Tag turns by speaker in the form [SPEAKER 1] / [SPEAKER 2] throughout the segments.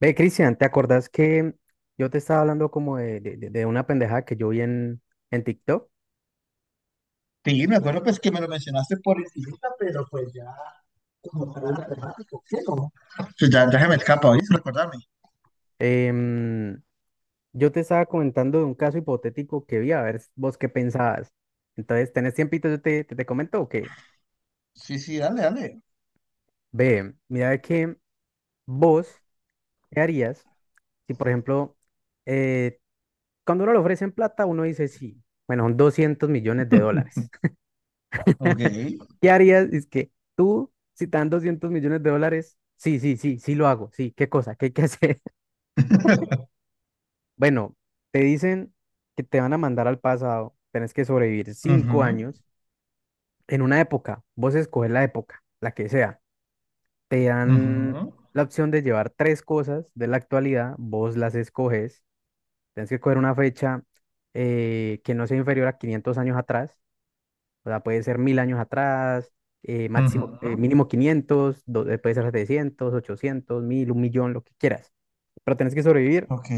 [SPEAKER 1] Ve, Cristian, ¿te acordás que yo te estaba hablando como de una pendejada que yo vi en TikTok?
[SPEAKER 2] Sí, me acuerdo pues que me lo mencionaste por encimita, pero pues ya, como tal, no. Pues ya, ya se me escapa, oíste, recordarme.
[SPEAKER 1] Em, yo te estaba comentando de un caso hipotético que vi, a ver vos qué pensabas. Entonces, ¿tenés tiempito? Yo te comento o qué.
[SPEAKER 2] Sí, sí, dale, dale.
[SPEAKER 1] Ve, mira de que vos, ¿qué harías si, por ejemplo, eh, cuando uno le ofrecen plata, uno dice sí, bueno, son 200 millones de dólares.
[SPEAKER 2] Ok.
[SPEAKER 1] ¿Qué harías? Es que tú, si te dan 200 millones de dólares, sí, sí, sí, sí lo hago, sí, ¿qué cosa? ¿Qué hay que hacer? Bueno, te dicen que te van a mandar al pasado, tenés que sobrevivir cinco
[SPEAKER 2] Ujú,
[SPEAKER 1] años en una época, vos escoges la época, la que sea. Te dan
[SPEAKER 2] ujú,
[SPEAKER 1] la opción de llevar tres cosas de la actualidad, vos las escoges, tenés que coger una fecha que no sea inferior a 500 años atrás, o sea, puede ser 1000 años atrás, máximo,
[SPEAKER 2] ujú,
[SPEAKER 1] mínimo 500. Puede ser 700, 800, 1000, 1.000.000, lo que quieras, pero tenés que sobrevivir
[SPEAKER 2] ok.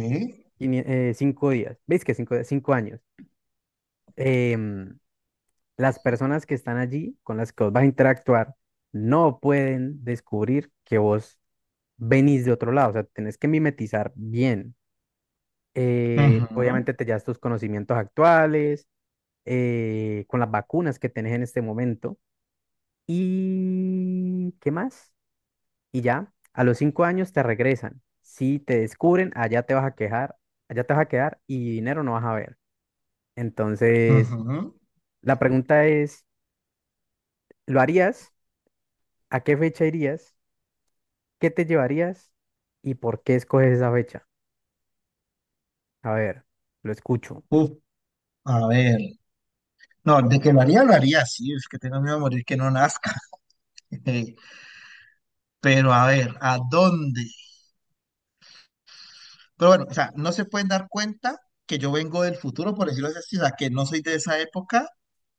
[SPEAKER 1] 5 días, ¿veis que cinco años? em, las personas que están allí, con las que vos vas a interactuar, no pueden descubrir que vos venís de otro lado. O sea, tenés que mimetizar bien.
[SPEAKER 2] Ujú,
[SPEAKER 1] Obviamente te llevas tus conocimientos actuales, con las vacunas que tenés en este momento. ¿Y qué más? Y ya, a los 5 años te regresan. Si te descubren, allá te vas a quejar, allá te vas a quedar y dinero no vas a ver. Entonces,
[SPEAKER 2] ujú.
[SPEAKER 1] la pregunta es, ¿lo harías? ¿A qué fecha irías? ¿Qué te llevarías? ¿Y por qué escoges esa fecha? A ver, lo escucho.
[SPEAKER 2] Uf, a ver. No, de que lo haría, sí, es que tengo miedo a morir que no nazca. Pero a ver, ¿a dónde? Pero bueno, o sea, no se pueden dar cuenta que yo vengo del futuro, por decirlo así, o sea, que no soy de esa época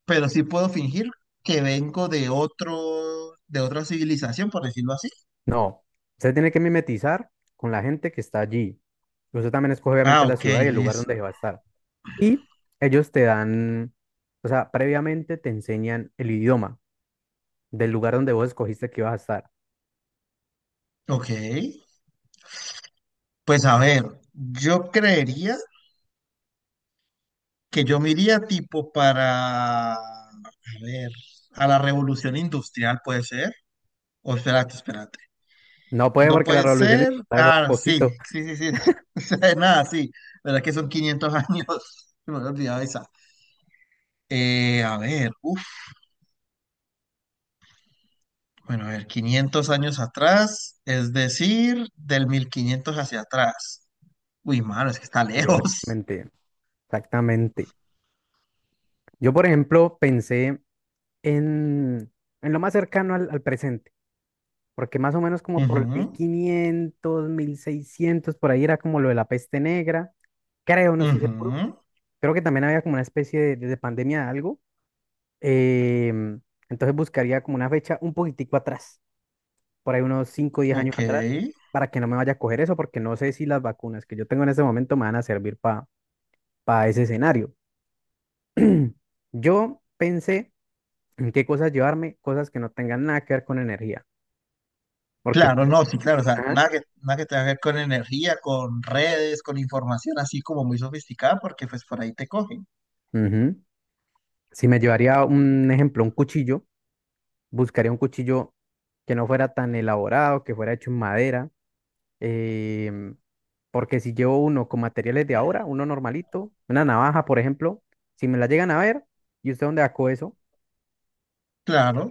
[SPEAKER 2] pero sí puedo fingir que vengo de otro, de otra civilización, por decirlo así.
[SPEAKER 1] No, usted tiene que mimetizar con la gente que está allí. Usted también escoge obviamente
[SPEAKER 2] Ah,
[SPEAKER 1] la
[SPEAKER 2] ok,
[SPEAKER 1] ciudad y el lugar
[SPEAKER 2] listo.
[SPEAKER 1] donde se va a estar. Y ellos te dan, o sea, previamente te enseñan el idioma del lugar donde vos escogiste que ibas a estar.
[SPEAKER 2] Ok. Pues a ver, yo creería que yo me iría tipo para, a ver, a la revolución industrial, puede ser. O espérate, espérate.
[SPEAKER 1] No puede
[SPEAKER 2] No
[SPEAKER 1] porque la
[SPEAKER 2] pueden
[SPEAKER 1] revolución
[SPEAKER 2] ser.
[SPEAKER 1] industrial fue hace
[SPEAKER 2] Ah, sí,
[SPEAKER 1] poquito.
[SPEAKER 2] sí, sí, sí. O sea, nada, sí. ¿Verdad que son 500 años? Me había olvidado esa. A ver, uff. Bueno, a ver, 500 años atrás, es decir, del 1500 hacia atrás. Uy, mano, es que está
[SPEAKER 1] Sí,
[SPEAKER 2] lejos.
[SPEAKER 1] exactamente. Yo, por ejemplo, pensé en, en lo más cercano al presente. Porque más o menos como por el
[SPEAKER 2] Ujú,
[SPEAKER 1] 1500, 1600 por ahí era como lo de la peste negra, creo, no estoy seguro,
[SPEAKER 2] ujú,
[SPEAKER 1] creo que también había como una especie de pandemia de algo, em, entonces buscaría como una fecha un poquitico atrás, por ahí unos 5 o 10 años atrás,
[SPEAKER 2] ok.
[SPEAKER 1] para que no me vaya a coger eso, porque no sé si las vacunas que yo tengo en este momento me van a servir para ese escenario. Yo pensé en qué cosas llevarme, cosas que no tengan nada que ver con energía, porque...
[SPEAKER 2] Claro, no, sí, claro, o sea,
[SPEAKER 1] Ajá,
[SPEAKER 2] nada que tenga que ver con energía, con redes, con información así como muy sofisticada, porque pues por ahí te cogen.
[SPEAKER 1] ujú, si me llevaría un ejemplo, un cuchillo, buscaría un cuchillo que no fuera tan elaborado, que fuera hecho en madera, em, porque si llevo uno con materiales de ahora, uno normalito, una navaja, por ejemplo, si me la llegan a ver, ¿y usted dónde sacó eso?
[SPEAKER 2] Claro.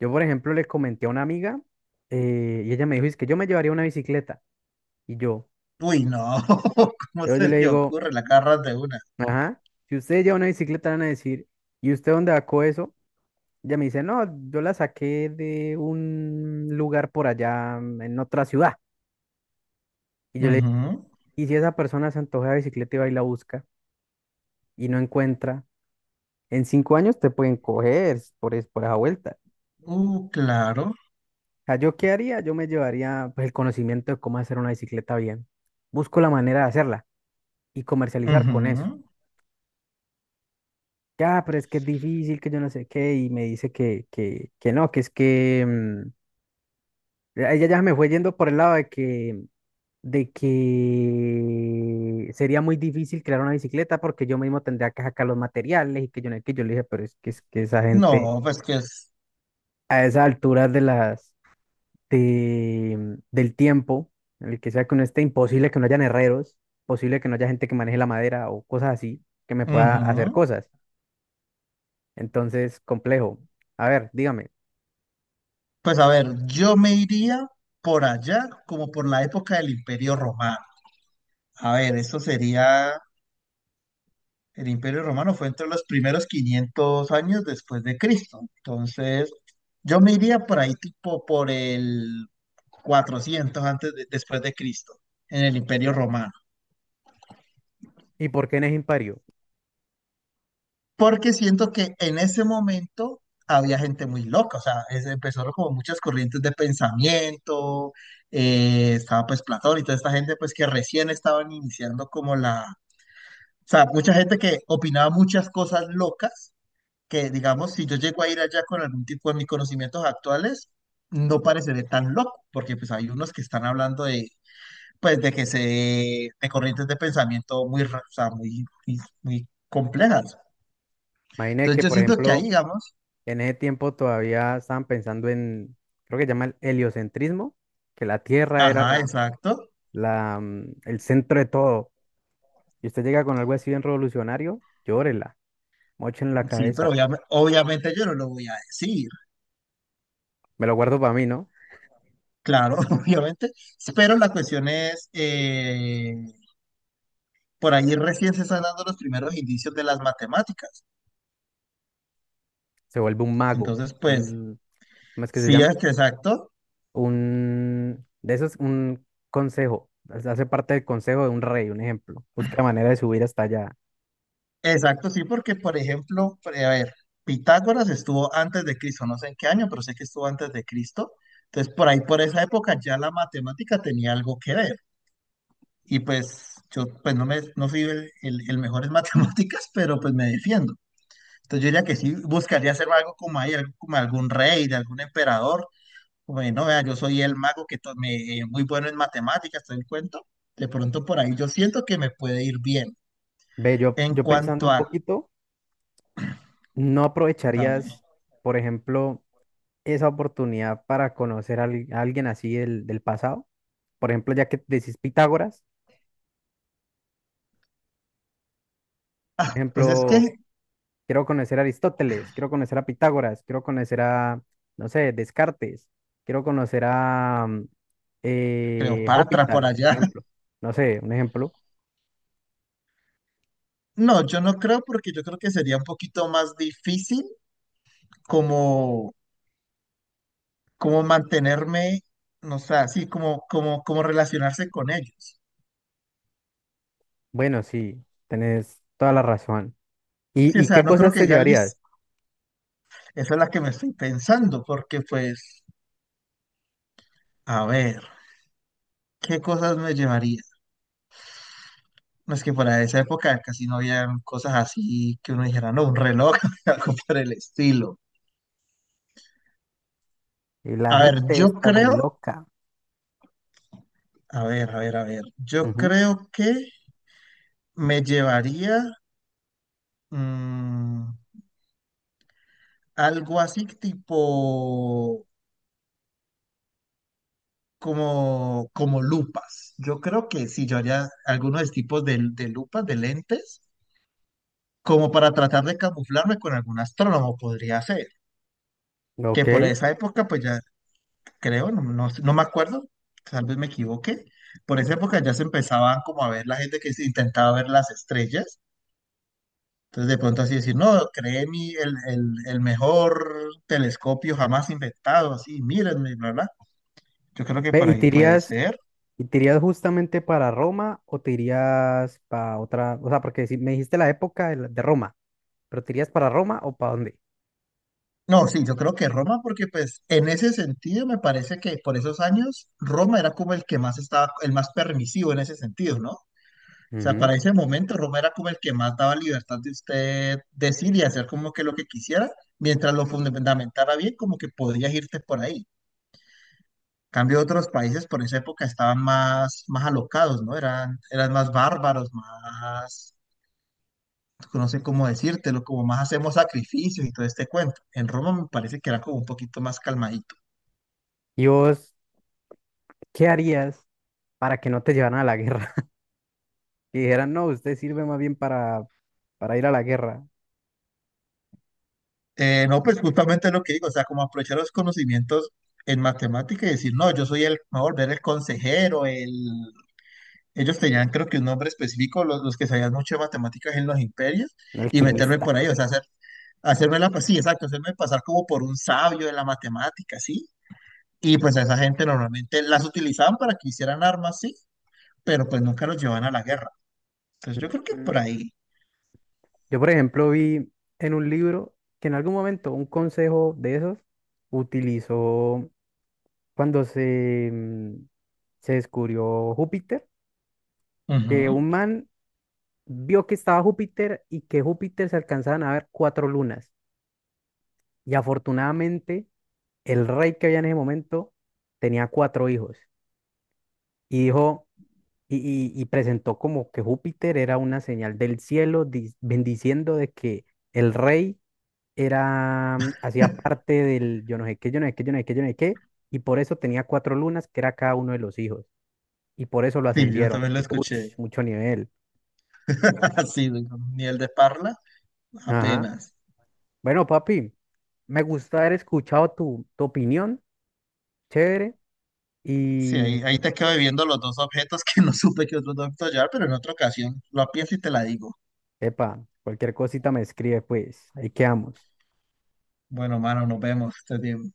[SPEAKER 1] Yo, por ejemplo, le comenté a una amiga, y ella me dijo, es que yo me llevaría una bicicleta. Y yo,
[SPEAKER 2] Uy, no, ¿cómo
[SPEAKER 1] yo
[SPEAKER 2] se
[SPEAKER 1] le
[SPEAKER 2] le
[SPEAKER 1] digo,
[SPEAKER 2] ocurre? La agarras de una.
[SPEAKER 1] ajá, si usted lleva una bicicleta, van a decir, ¿y usted dónde sacó eso? Ella me dice, no, yo la saqué de un lugar por allá, mm, en otra ciudad. Y yo le...
[SPEAKER 2] Ujú,
[SPEAKER 1] Y si esa persona se antoja de bicicleta y va y la busca y no encuentra, en 5 años te pueden coger por, por esa vuelta.
[SPEAKER 2] Claro.
[SPEAKER 1] O sea, ¿yo qué haría? Yo me llevaría pues, el conocimiento de cómo hacer una bicicleta bien. Busco la manera de hacerla y comercializar con eso.
[SPEAKER 2] Ujú.
[SPEAKER 1] Ya, pero es que es difícil, que yo no sé qué, y me dice que no, que es que mm, ella ya me fue yendo por el lado de que sería muy difícil crear una bicicleta porque yo mismo tendría que sacar los materiales y que yo no, que yo le dije, pero es que esa gente
[SPEAKER 2] No, pues que es...
[SPEAKER 1] a esas alturas del tiempo, en el que sea que uno esté, imposible que no hayan herreros, posible que no haya gente que maneje la madera o cosas así, que me pueda hacer
[SPEAKER 2] Ujú.
[SPEAKER 1] cosas. Entonces, complejo. A ver, dígame,
[SPEAKER 2] Pues a ver, yo me iría por allá, como por la época del Imperio Romano. A ver, eso sería, el Imperio Romano fue entre los primeros 500 años después de Cristo. Entonces, yo me iría por ahí tipo por el 400 después de Cristo, en el Imperio Romano.
[SPEAKER 1] ¿y por qué en eje impario?
[SPEAKER 2] Porque siento que en ese momento había gente muy loca, o sea, empezaron como muchas corrientes de pensamiento, estaba pues Platón y toda esta gente pues que recién estaban iniciando o sea, mucha gente que opinaba muchas cosas locas, que digamos, si yo llego a ir allá con algún tipo de mis conocimientos actuales, no pareceré tan loco, porque pues hay unos que están hablando pues de corrientes de pensamiento o sea, muy, muy complejas.
[SPEAKER 1] Imagine
[SPEAKER 2] Entonces
[SPEAKER 1] que,
[SPEAKER 2] yo
[SPEAKER 1] por
[SPEAKER 2] siento que ahí,
[SPEAKER 1] ejemplo,
[SPEAKER 2] digamos,
[SPEAKER 1] en ese tiempo todavía estaban pensando en creo que se llama el heliocentrismo, que la Tierra era
[SPEAKER 2] ajá, exacto.
[SPEAKER 1] mm, el centro de todo. Y usted llega con algo así bien revolucionario, llórela, mochen la
[SPEAKER 2] Sí, pero
[SPEAKER 1] cabeza.
[SPEAKER 2] obviamente yo no lo voy a decir.
[SPEAKER 1] Me lo guardo para mí, ¿no?
[SPEAKER 2] Claro, obviamente. Pero la cuestión es, por ahí recién se están dando los primeros indicios de las matemáticas.
[SPEAKER 1] Se vuelve un mago,
[SPEAKER 2] Entonces, pues,
[SPEAKER 1] un, ¿cómo es que se
[SPEAKER 2] sí,
[SPEAKER 1] llama?
[SPEAKER 2] es que exacto.
[SPEAKER 1] Un, de esos, un consejo, hace parte del consejo de un rey, un ejemplo. Busca la manera de subir hasta allá.
[SPEAKER 2] Exacto, sí, porque, por ejemplo, a ver, Pitágoras estuvo antes de Cristo, no sé en qué año, pero sé que estuvo antes de Cristo. Entonces, por ahí, por esa época, ya la matemática tenía algo que ver. Y pues, yo pues no, no fui el, el mejor en matemáticas, pero pues me defiendo. Entonces yo diría que sí buscaría hacer algo como ahí, algo como algún rey, de algún emperador, como de, no, vea, yo soy el mago que muy bueno en matemáticas, todo el cuento. De pronto por ahí yo siento que me puede ir bien.
[SPEAKER 1] Ve,
[SPEAKER 2] En
[SPEAKER 1] yo pensando
[SPEAKER 2] cuanto
[SPEAKER 1] un
[SPEAKER 2] a,
[SPEAKER 1] poquito, ¿no
[SPEAKER 2] cuéntame,
[SPEAKER 1] aprovecharías, por ejemplo, esa oportunidad para conocer a alguien así del pasado? Por ejemplo, ya que decís Pitágoras, por
[SPEAKER 2] ah, pues es que
[SPEAKER 1] ejemplo, quiero conocer a Aristóteles, quiero conocer a Pitágoras, quiero conocer a, no sé, Descartes, quiero conocer a mm,
[SPEAKER 2] Cleopatra por
[SPEAKER 1] Hospital, un
[SPEAKER 2] allá.
[SPEAKER 1] ejemplo. No sé, un ejemplo.
[SPEAKER 2] No, yo no creo porque yo creo que sería un poquito más difícil como, como mantenerme, no sé, así como relacionarse con ellos.
[SPEAKER 1] Bueno, sí, tenés toda la razón.
[SPEAKER 2] Sí, o
[SPEAKER 1] Y
[SPEAKER 2] sea,
[SPEAKER 1] qué
[SPEAKER 2] no creo
[SPEAKER 1] cosas
[SPEAKER 2] que
[SPEAKER 1] te
[SPEAKER 2] digan,
[SPEAKER 1] llevarías?
[SPEAKER 2] "Liz, esa es la que me estoy pensando, porque pues a ver, ¿qué cosas me llevaría? No es que para esa época casi no habían cosas así que uno dijera, no, un reloj, algo por el estilo.
[SPEAKER 1] Y la
[SPEAKER 2] A ver,
[SPEAKER 1] gente
[SPEAKER 2] yo
[SPEAKER 1] está muy
[SPEAKER 2] creo,
[SPEAKER 1] loca.
[SPEAKER 2] a ver, a ver, a ver, yo
[SPEAKER 1] Ujú.
[SPEAKER 2] creo que me llevaría mm, algo así tipo como lupas. Yo creo que sí, yo haría algunos tipos de lupas, de lentes, como para tratar de camuflarme con algún astrónomo, podría ser. Que
[SPEAKER 1] Ok.
[SPEAKER 2] por esa época, pues ya creo, no, no, no me acuerdo, tal vez me equivoque. Por esa época ya se empezaban como a ver la gente que se intentaba ver las estrellas. Entonces de pronto así decir, no, el mejor telescopio jamás inventado, así, mírenme, bla, bla. Yo creo que
[SPEAKER 1] Ve,
[SPEAKER 2] por
[SPEAKER 1] ¿y
[SPEAKER 2] ahí
[SPEAKER 1] te
[SPEAKER 2] puede
[SPEAKER 1] irías,
[SPEAKER 2] ser.
[SPEAKER 1] y te irías justamente para Roma o te irías para otra? O sea, porque si me dijiste la época de Roma, pero ¿te irías para Roma o para dónde?
[SPEAKER 2] No, sí, yo creo que Roma, porque pues en ese sentido me parece que por esos años Roma era como el que más estaba, el más permisivo en ese sentido, ¿no? Sea,
[SPEAKER 1] Ujú.
[SPEAKER 2] para ese momento Roma era como el que más daba libertad de usted decir y hacer como que lo que quisiera, mientras lo fundamentara bien, como que podías irte por ahí. Cambio otros países por esa época estaban más, más alocados, ¿no? Eran más bárbaros, más, no sé cómo decírtelo, como más hacemos sacrificios y todo este cuento. En Roma me parece que era como un poquito más calmadito.
[SPEAKER 1] ¿Y vos qué harías para que no te llevaran a la guerra? Que dijeran, no, usted sirve más bien para ir a la guerra,
[SPEAKER 2] No, pues justamente lo que digo, o sea, como aprovechar los conocimientos en matemática y decir, no, yo soy el, me voy a volver el consejero, el, ellos tenían, creo que un nombre específico, los que sabían mucho de matemáticas en los imperios,
[SPEAKER 1] un
[SPEAKER 2] y meterme por
[SPEAKER 1] alquimista.
[SPEAKER 2] ahí, o sea, hacer, hacerme la, sí, exacto, hacerme pasar como por un sabio de la matemática, ¿sí? Y pues a esa gente normalmente las utilizaban para que hicieran armas, sí, pero pues nunca los llevaban a la guerra. Entonces yo creo que
[SPEAKER 1] Ujú.
[SPEAKER 2] por ahí.
[SPEAKER 1] Yo, por ejemplo, vi en un libro que en algún momento un consejo de esos utilizó cuando se, mm, se descubrió Júpiter, que
[SPEAKER 2] Ujú.
[SPEAKER 1] un man vio que estaba Júpiter y que Júpiter se alcanzaban a ver 4 lunas. Y afortunadamente el rey que había en ese momento tenía 4 hijos. Y dijo, y, y presentó como que Júpiter era una señal del cielo, bendiciendo de que el rey era, mm, hacía parte del yo no sé qué, yo no sé qué, yo no sé qué, yo no sé qué, y por eso tenía 4 lunas, que era cada uno de los hijos, y por eso lo
[SPEAKER 2] Sí, yo
[SPEAKER 1] ascendieron.
[SPEAKER 2] también lo
[SPEAKER 1] Uy,
[SPEAKER 2] escuché.
[SPEAKER 1] mucho nivel.
[SPEAKER 2] Así, nivel de parla,
[SPEAKER 1] Ajá.
[SPEAKER 2] apenas.
[SPEAKER 1] Bueno, papi, me gusta haber escuchado tu opinión, chévere,
[SPEAKER 2] Sí,
[SPEAKER 1] y,
[SPEAKER 2] ahí te quedo viendo los dos objetos que no supe que otros dos objetos llevar, pero en otra ocasión lo pienso y te la digo.
[SPEAKER 1] epa, cualquier cosita me escribe, pues, ahí quedamos.
[SPEAKER 2] Bueno, mano, nos vemos. Estés bien.